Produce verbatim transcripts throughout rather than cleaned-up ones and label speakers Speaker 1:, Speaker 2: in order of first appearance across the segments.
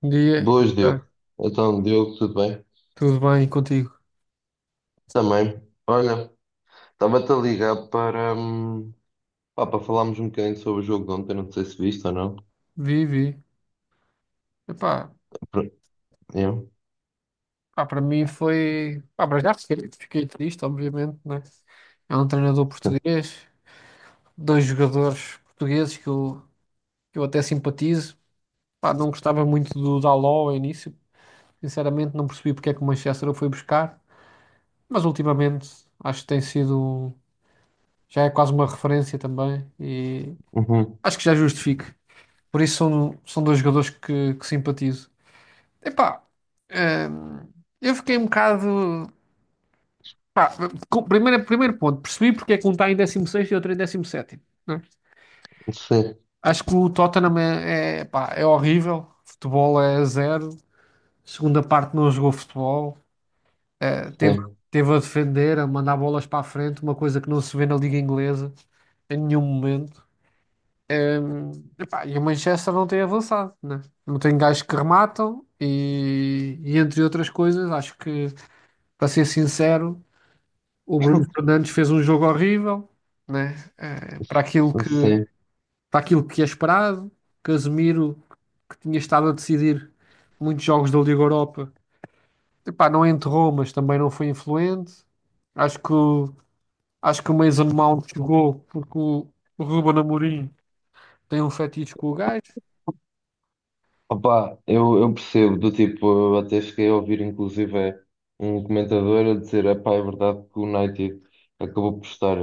Speaker 1: Bom dia.
Speaker 2: Boas,
Speaker 1: Ah,
Speaker 2: Diogo. Então, Diogo, tudo bem?
Speaker 1: Tudo bem contigo?
Speaker 2: Também. Olha, estava-te a ligar para, hum, pá, para falarmos um bocadinho sobre o jogo de ontem, não sei se viste ou não.
Speaker 1: Vivi. Epá,
Speaker 2: Pro- Eu?
Speaker 1: pá, para mim foi. Pá, para já fiquei, fiquei triste, obviamente, né? É um treinador português, dois jogadores portugueses que eu, que eu até simpatizo. Pá, não gostava muito do Daló ao início, sinceramente, não percebi porque é que o Manchester o foi buscar, mas ultimamente acho que tem sido. um- Já é quase uma referência também e
Speaker 2: Uhum.
Speaker 1: acho que já justifico. Por isso são, são dois jogadores que, que simpatizo. Epá, hum, eu fiquei um bocado. Pá, com- primeiro, primeiro ponto, percebi porque é que um está em dezesseis e outro em dezessete. Né?
Speaker 2: Sim,
Speaker 1: Acho que o Tottenham é, é, pá, é horrível. Futebol é zero. Segunda parte não jogou futebol. Eh, teve,
Speaker 2: sim,
Speaker 1: teve a defender, a mandar bolas para a frente, uma coisa que não se vê na Liga Inglesa em nenhum momento. Hum, Epá, e o Manchester não tem avançado, né? Não tem gajos que rematam e, e entre outras coisas, acho que, para ser sincero. O Bruno Fernandes fez um jogo horrível, né? Eh, para aquilo que,
Speaker 2: sim.
Speaker 1: para aquilo que é esperado. Casemiro, que tinha estado a decidir muitos jogos da Liga Europa, epá, não enterrou, mas também não foi influente. Acho que, o- acho que o Mason Mount jogou porque o, o Ruben Amorim tem um fetiche com o gajo.
Speaker 2: Opa, eu, eu percebo, do tipo, eu até cheguei a ouvir inclusive é, um comentador a dizer, epá, é verdade que o United acabou por estar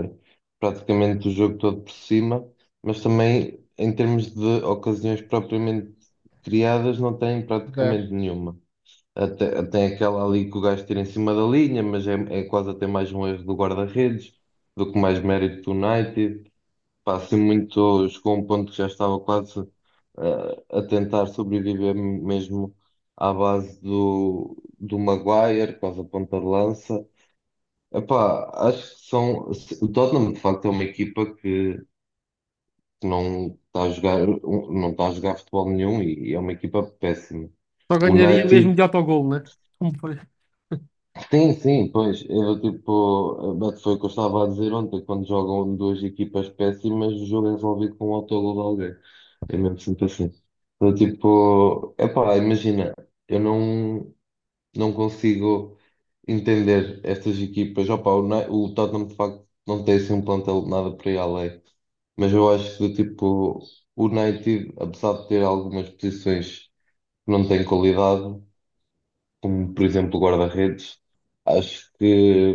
Speaker 2: praticamente o jogo todo por cima, mas também em termos de ocasiões propriamente criadas não tem
Speaker 1: Zero.
Speaker 2: praticamente nenhuma. Até, tem aquela ali que o gajo tira em cima da linha, mas é, é quase até mais um erro do guarda-redes do que mais mérito do United. Pá, assim muito, chegou a um ponto que já estava quase eh, a tentar sobreviver mesmo à base do, do Maguire, quase a ponta-lança. De lança. Epá, acho que são. se- O Tottenham, de facto, é uma equipa que que não está a jogar, um, não está a jogar futebol nenhum e é uma equipa péssima.
Speaker 1: Só
Speaker 2: O
Speaker 1: ganharia
Speaker 2: United.
Speaker 1: mesmo de autogol, né? Como foi?
Speaker 2: Sim, sim, pois, eu tipo, mas foi o que eu estava a dizer ontem, quando jogam duas equipas péssimas, o jogo é resolvido com um autogol de alguém. É mesmo sempre assim. Eu, tipo, epá, imagina, eu não, não consigo entender estas equipas. Opá, o, Ne- o Tottenham de facto não tem assim um plantel de nada para ir além, mas eu acho que tipo, o United, apesar de ter algumas posições que não têm qualidade, como por exemplo o guarda-redes, acho que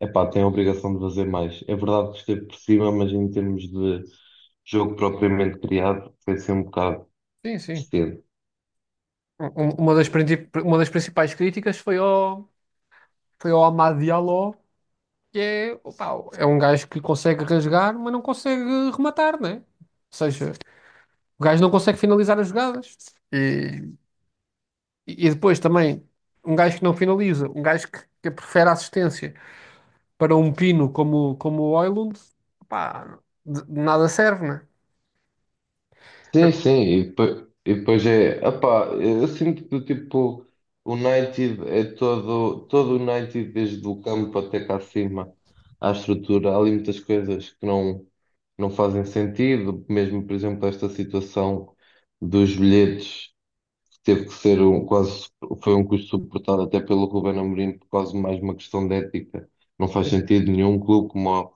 Speaker 2: epá, tem a obrigação de fazer mais. É verdade que esteve por cima, mas em termos de jogo propriamente criado, foi ser um bocado
Speaker 1: Sim, sim.
Speaker 2: cedo.
Speaker 1: Um- um- Uma das, princip- uma das principais críticas foi ao, foi ao Amad Diallo que é, opá, é um gajo que consegue rasgar, mas não consegue rematar, né? Ou seja, o gajo não consegue finalizar as jogadas. E, e depois também, um gajo que não finaliza, um gajo que, que prefere a assistência para um pino como, como o Højlund, opá, de, de nada serve, né?
Speaker 2: Sim, sim, e depois, e depois é, epá, eu sinto que tipo, o United é todo, todo o United, desde o campo até cá acima, à estrutura, há ali muitas coisas que não, não fazem sentido, mesmo por exemplo esta situação dos bilhetes. Teve que ser um, quase, foi um custo suportado até pelo Ruben Amorim, por quase mais uma questão de ética. Não faz
Speaker 1: Sim.
Speaker 2: sentido nenhum clube como, o-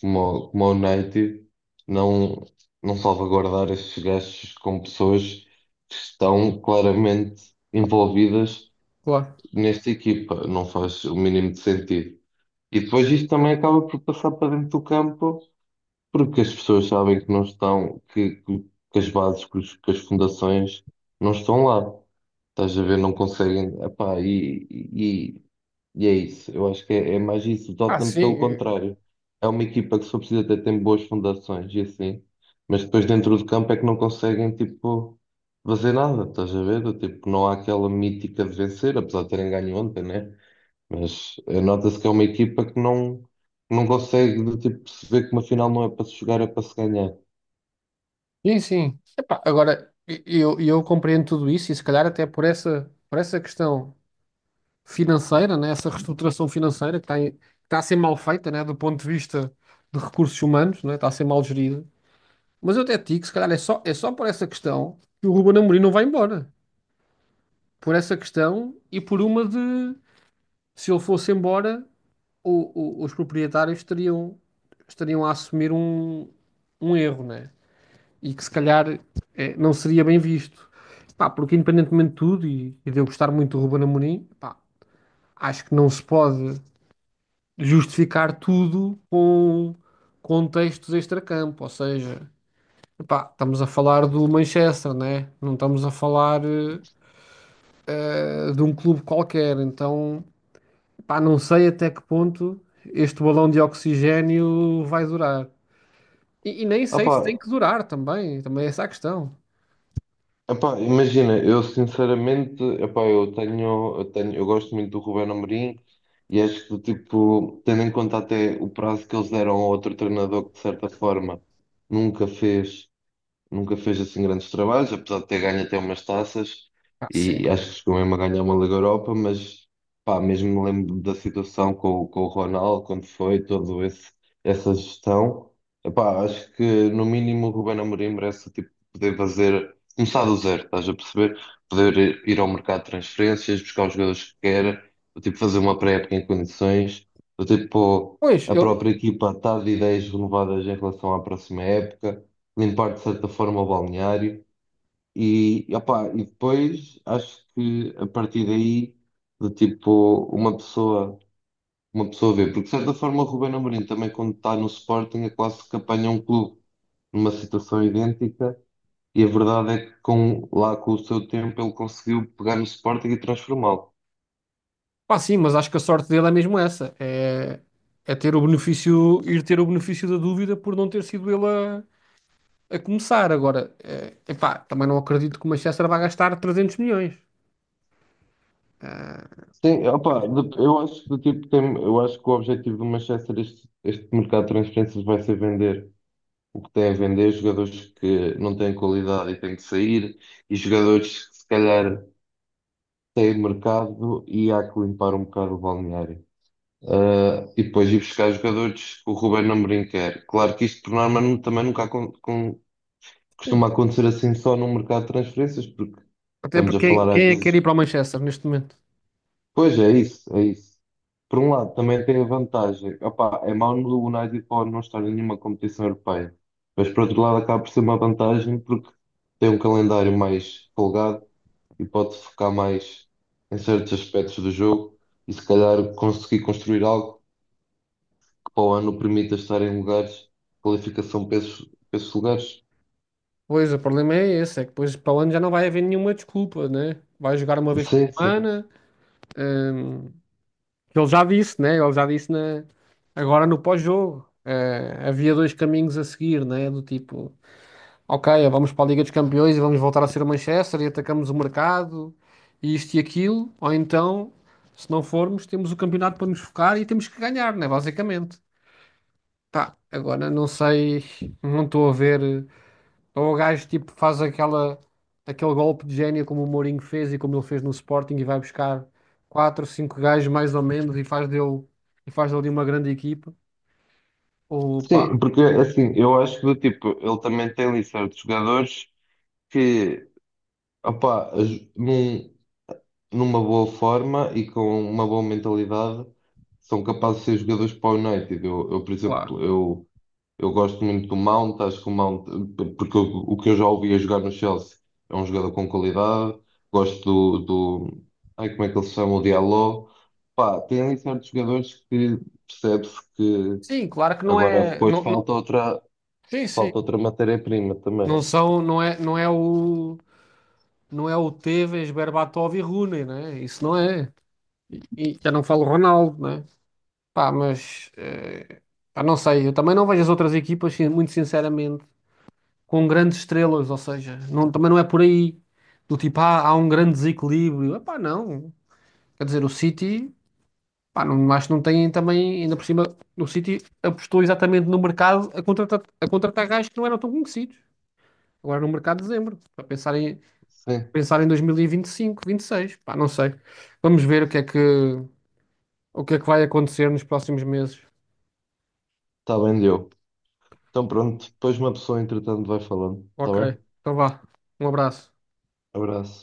Speaker 2: como, o- como o United não, não salvaguardar estes gastos com pessoas que estão claramente envolvidas
Speaker 1: Claro.
Speaker 2: nesta equipa. Não faz o mínimo de sentido. E depois isto também acaba por passar para dentro do campo, porque as pessoas sabem que não estão, que, que, que as bases, que os- que as fundações não estão lá. Estás a ver, não conseguem. Epá, e, e, e é isso. Eu acho que é, é mais isso. O
Speaker 1: Ah,
Speaker 2: Tottenham, pelo
Speaker 1: sim,
Speaker 2: contrário, é uma equipa que só precisa até tem boas fundações e assim. Mas depois dentro do campo é que não conseguem, tipo, fazer nada. Estás a ver? Tipo, não há aquela mítica de vencer, apesar de terem ganho ontem, né? Mas eh, nota-se que é uma equipa que não, não consegue, de, tipo, perceber que uma final não é para se jogar, é para se ganhar.
Speaker 1: sim, sim. Epá, agora, e- eu, eu compreendo tudo isso e se calhar até por essa, por essa questão financeira, né? Essa reestruturação financeira que está, em- que está a ser mal feita, né? Do ponto de vista de recursos humanos, né? Está a ser mal gerida. Mas eu até te digo, se calhar é só, é só por essa questão que o Ruben Amorim não vai embora. Por essa questão e por uma de se ele fosse embora, o- o- os proprietários estariam, estariam a assumir um, um erro, né? E que se calhar eh, não seria bem visto. Pá, porque independentemente de tudo, e, e de eu gostar muito do Ruben Amorim, pá, acho que não se pode justificar tudo com contextos extracampo, ou seja, epá, estamos a falar do Manchester, né? Não estamos a falar eh, de um clube qualquer, então epá, não sei até que ponto este balão de oxigênio vai durar. E, e nem sei se tem
Speaker 2: Ah,
Speaker 1: que durar também, também essa é essa a questão.
Speaker 2: epá, imagina, eu sinceramente, epá, eu tenho, eu tenho, eu gosto muito do Ruben Amorim e acho que, tipo, tendo em conta até o prazo que eles deram a outro treinador que, de certa forma, nunca fez nunca fez assim grandes trabalhos, apesar de ter ganho até umas taças
Speaker 1: Ah,
Speaker 2: e
Speaker 1: sim.
Speaker 2: acho que chegou mesmo a ganhar uma Liga Europa, mas pá, mesmo me lembro da situação com, o- com o Ronaldo, quando foi, todo esse essa gestão. Epá, acho que no mínimo o Ruben Amorim merece tipo, poder fazer, começar do zero, estás a perceber? Poder ir ir ao mercado de transferências, buscar os jogadores que quer, ou, tipo, fazer uma pré-época em condições, ou, tipo,
Speaker 1: Pois,
Speaker 2: a
Speaker 1: eu,
Speaker 2: própria equipa está de ideias renovadas em relação à próxima época, limpar de certa forma o balneário e, opá, e depois acho que a partir daí de tipo uma pessoa uma pessoa vê, porque de certa forma o Ruben Amorim também quando está no Sporting é quase que apanha um clube numa situação idêntica e a verdade é que com, lá com o seu tempo ele conseguiu pegar no Sporting e transformá-lo.
Speaker 1: pá, sim, mas acho que a sorte dele é mesmo essa, é, é ter o benefício, ir ter o benefício da dúvida por não ter sido ele a, a começar. Agora, eh, epá, também não acredito que o Manchester vá gastar trezentos milhões.
Speaker 2: Sim, opa, de- eu acho que do tipo tem, eu acho que o objetivo do Manchester este, este mercado de transferências vai ser vender. O que tem a vender é jogadores que não têm qualidade e têm que sair, e jogadores que se calhar têm mercado e há que limpar um bocado o balneário. Ah, e depois ir buscar jogadores que o Ruben Amorim quer. Claro que isto por norma nu- também nunca acon- com- costuma
Speaker 1: Sim.
Speaker 2: acontecer assim só no mercado de transferências, porque
Speaker 1: Até
Speaker 2: estamos a
Speaker 1: porque quem,
Speaker 2: falar às
Speaker 1: quem é que quer ir
Speaker 2: vezes.
Speaker 1: para o Manchester neste momento?
Speaker 2: Pois é isso, é isso. Por um lado, também tem a vantagem. Opá, é mau no United Power não estar em nenhuma competição europeia. Mas por outro lado acaba por ser uma vantagem porque tem um calendário mais folgado e pode focar mais em certos aspectos do jogo e se calhar conseguir construir algo que para o ano permita estar em lugares, qualificação para esses, para esses lugares.
Speaker 1: Pois, o problema é esse, é que depois para o ano já não vai haver nenhuma desculpa, né? Vai jogar uma vez por
Speaker 2: Sim, sim.
Speaker 1: semana, que ele já disse, né? Ele já disse na... agora no pós-jogo. Eh, havia dois caminhos a seguir, né? Do tipo, ok, vamos para a Liga dos Campeões e vamos voltar a ser o Manchester e atacamos o mercado e isto e aquilo, ou então, se não formos, temos o campeonato para nos focar e temos que ganhar, né? Basicamente. Pá, agora não sei, não estou a ver. eh, Ou o gajo tipo faz aquela, aquele golpe de gênio como o Mourinho fez e como ele fez no Sporting e vai buscar quatro, cinco gajos mais ou menos e faz dele, e faz dele uma grande equipa. Ou pá,
Speaker 2: Sim, porque assim, eu acho que do tipo, ele também tem ali certos jogadores que opá, aj- não numa boa forma e com uma boa mentalidade, são capazes de ser jogadores para o United. Eu, eu, por exemplo,
Speaker 1: claro.
Speaker 2: eu, eu gosto muito do Mount, acho que o Mount, porque o, o que eu já ouvi a jogar no Chelsea é um jogador com qualidade, gosto do, do ai, como é que ele se chama, o Diallo. Pá, tem ali certos jogadores que percebe-se que
Speaker 1: Sim, claro que não
Speaker 2: agora
Speaker 1: é.
Speaker 2: depois
Speaker 1: não, não-
Speaker 2: falta outra,
Speaker 1: Sim, sim.
Speaker 2: falta outra matéria-prima também.
Speaker 1: Não são, não é, não é o, não é o Tevez, Berbatov e Rooney, né? Isso não é. E, e já não falo Ronaldo, né? Pá, mas eh, pá, não sei, eu também não vejo as outras equipas, sin- muito sinceramente, com grandes estrelas, ou seja, não- também não é por aí. Do tipo, ah, há um grande desequilíbrio. Epá, não. Quer dizer, o City, pá, não, acho que não tem também, ainda por cima, o City apostou exatamente no mercado a contratar, a contratar gajos que não eram tão conhecidos. Agora no mercado de dezembro, para pensar em,
Speaker 2: Sim,
Speaker 1: pensar em dois mil e vinte e cinco, vinte e seis, pá, não sei. Vamos ver o que é que, o que é que vai acontecer nos próximos meses.
Speaker 2: está bem, deu. Então pronto, depois uma pessoa entretanto vai falando, está
Speaker 1: Ok,
Speaker 2: bem?
Speaker 1: então vá. Um abraço.
Speaker 2: Abraço.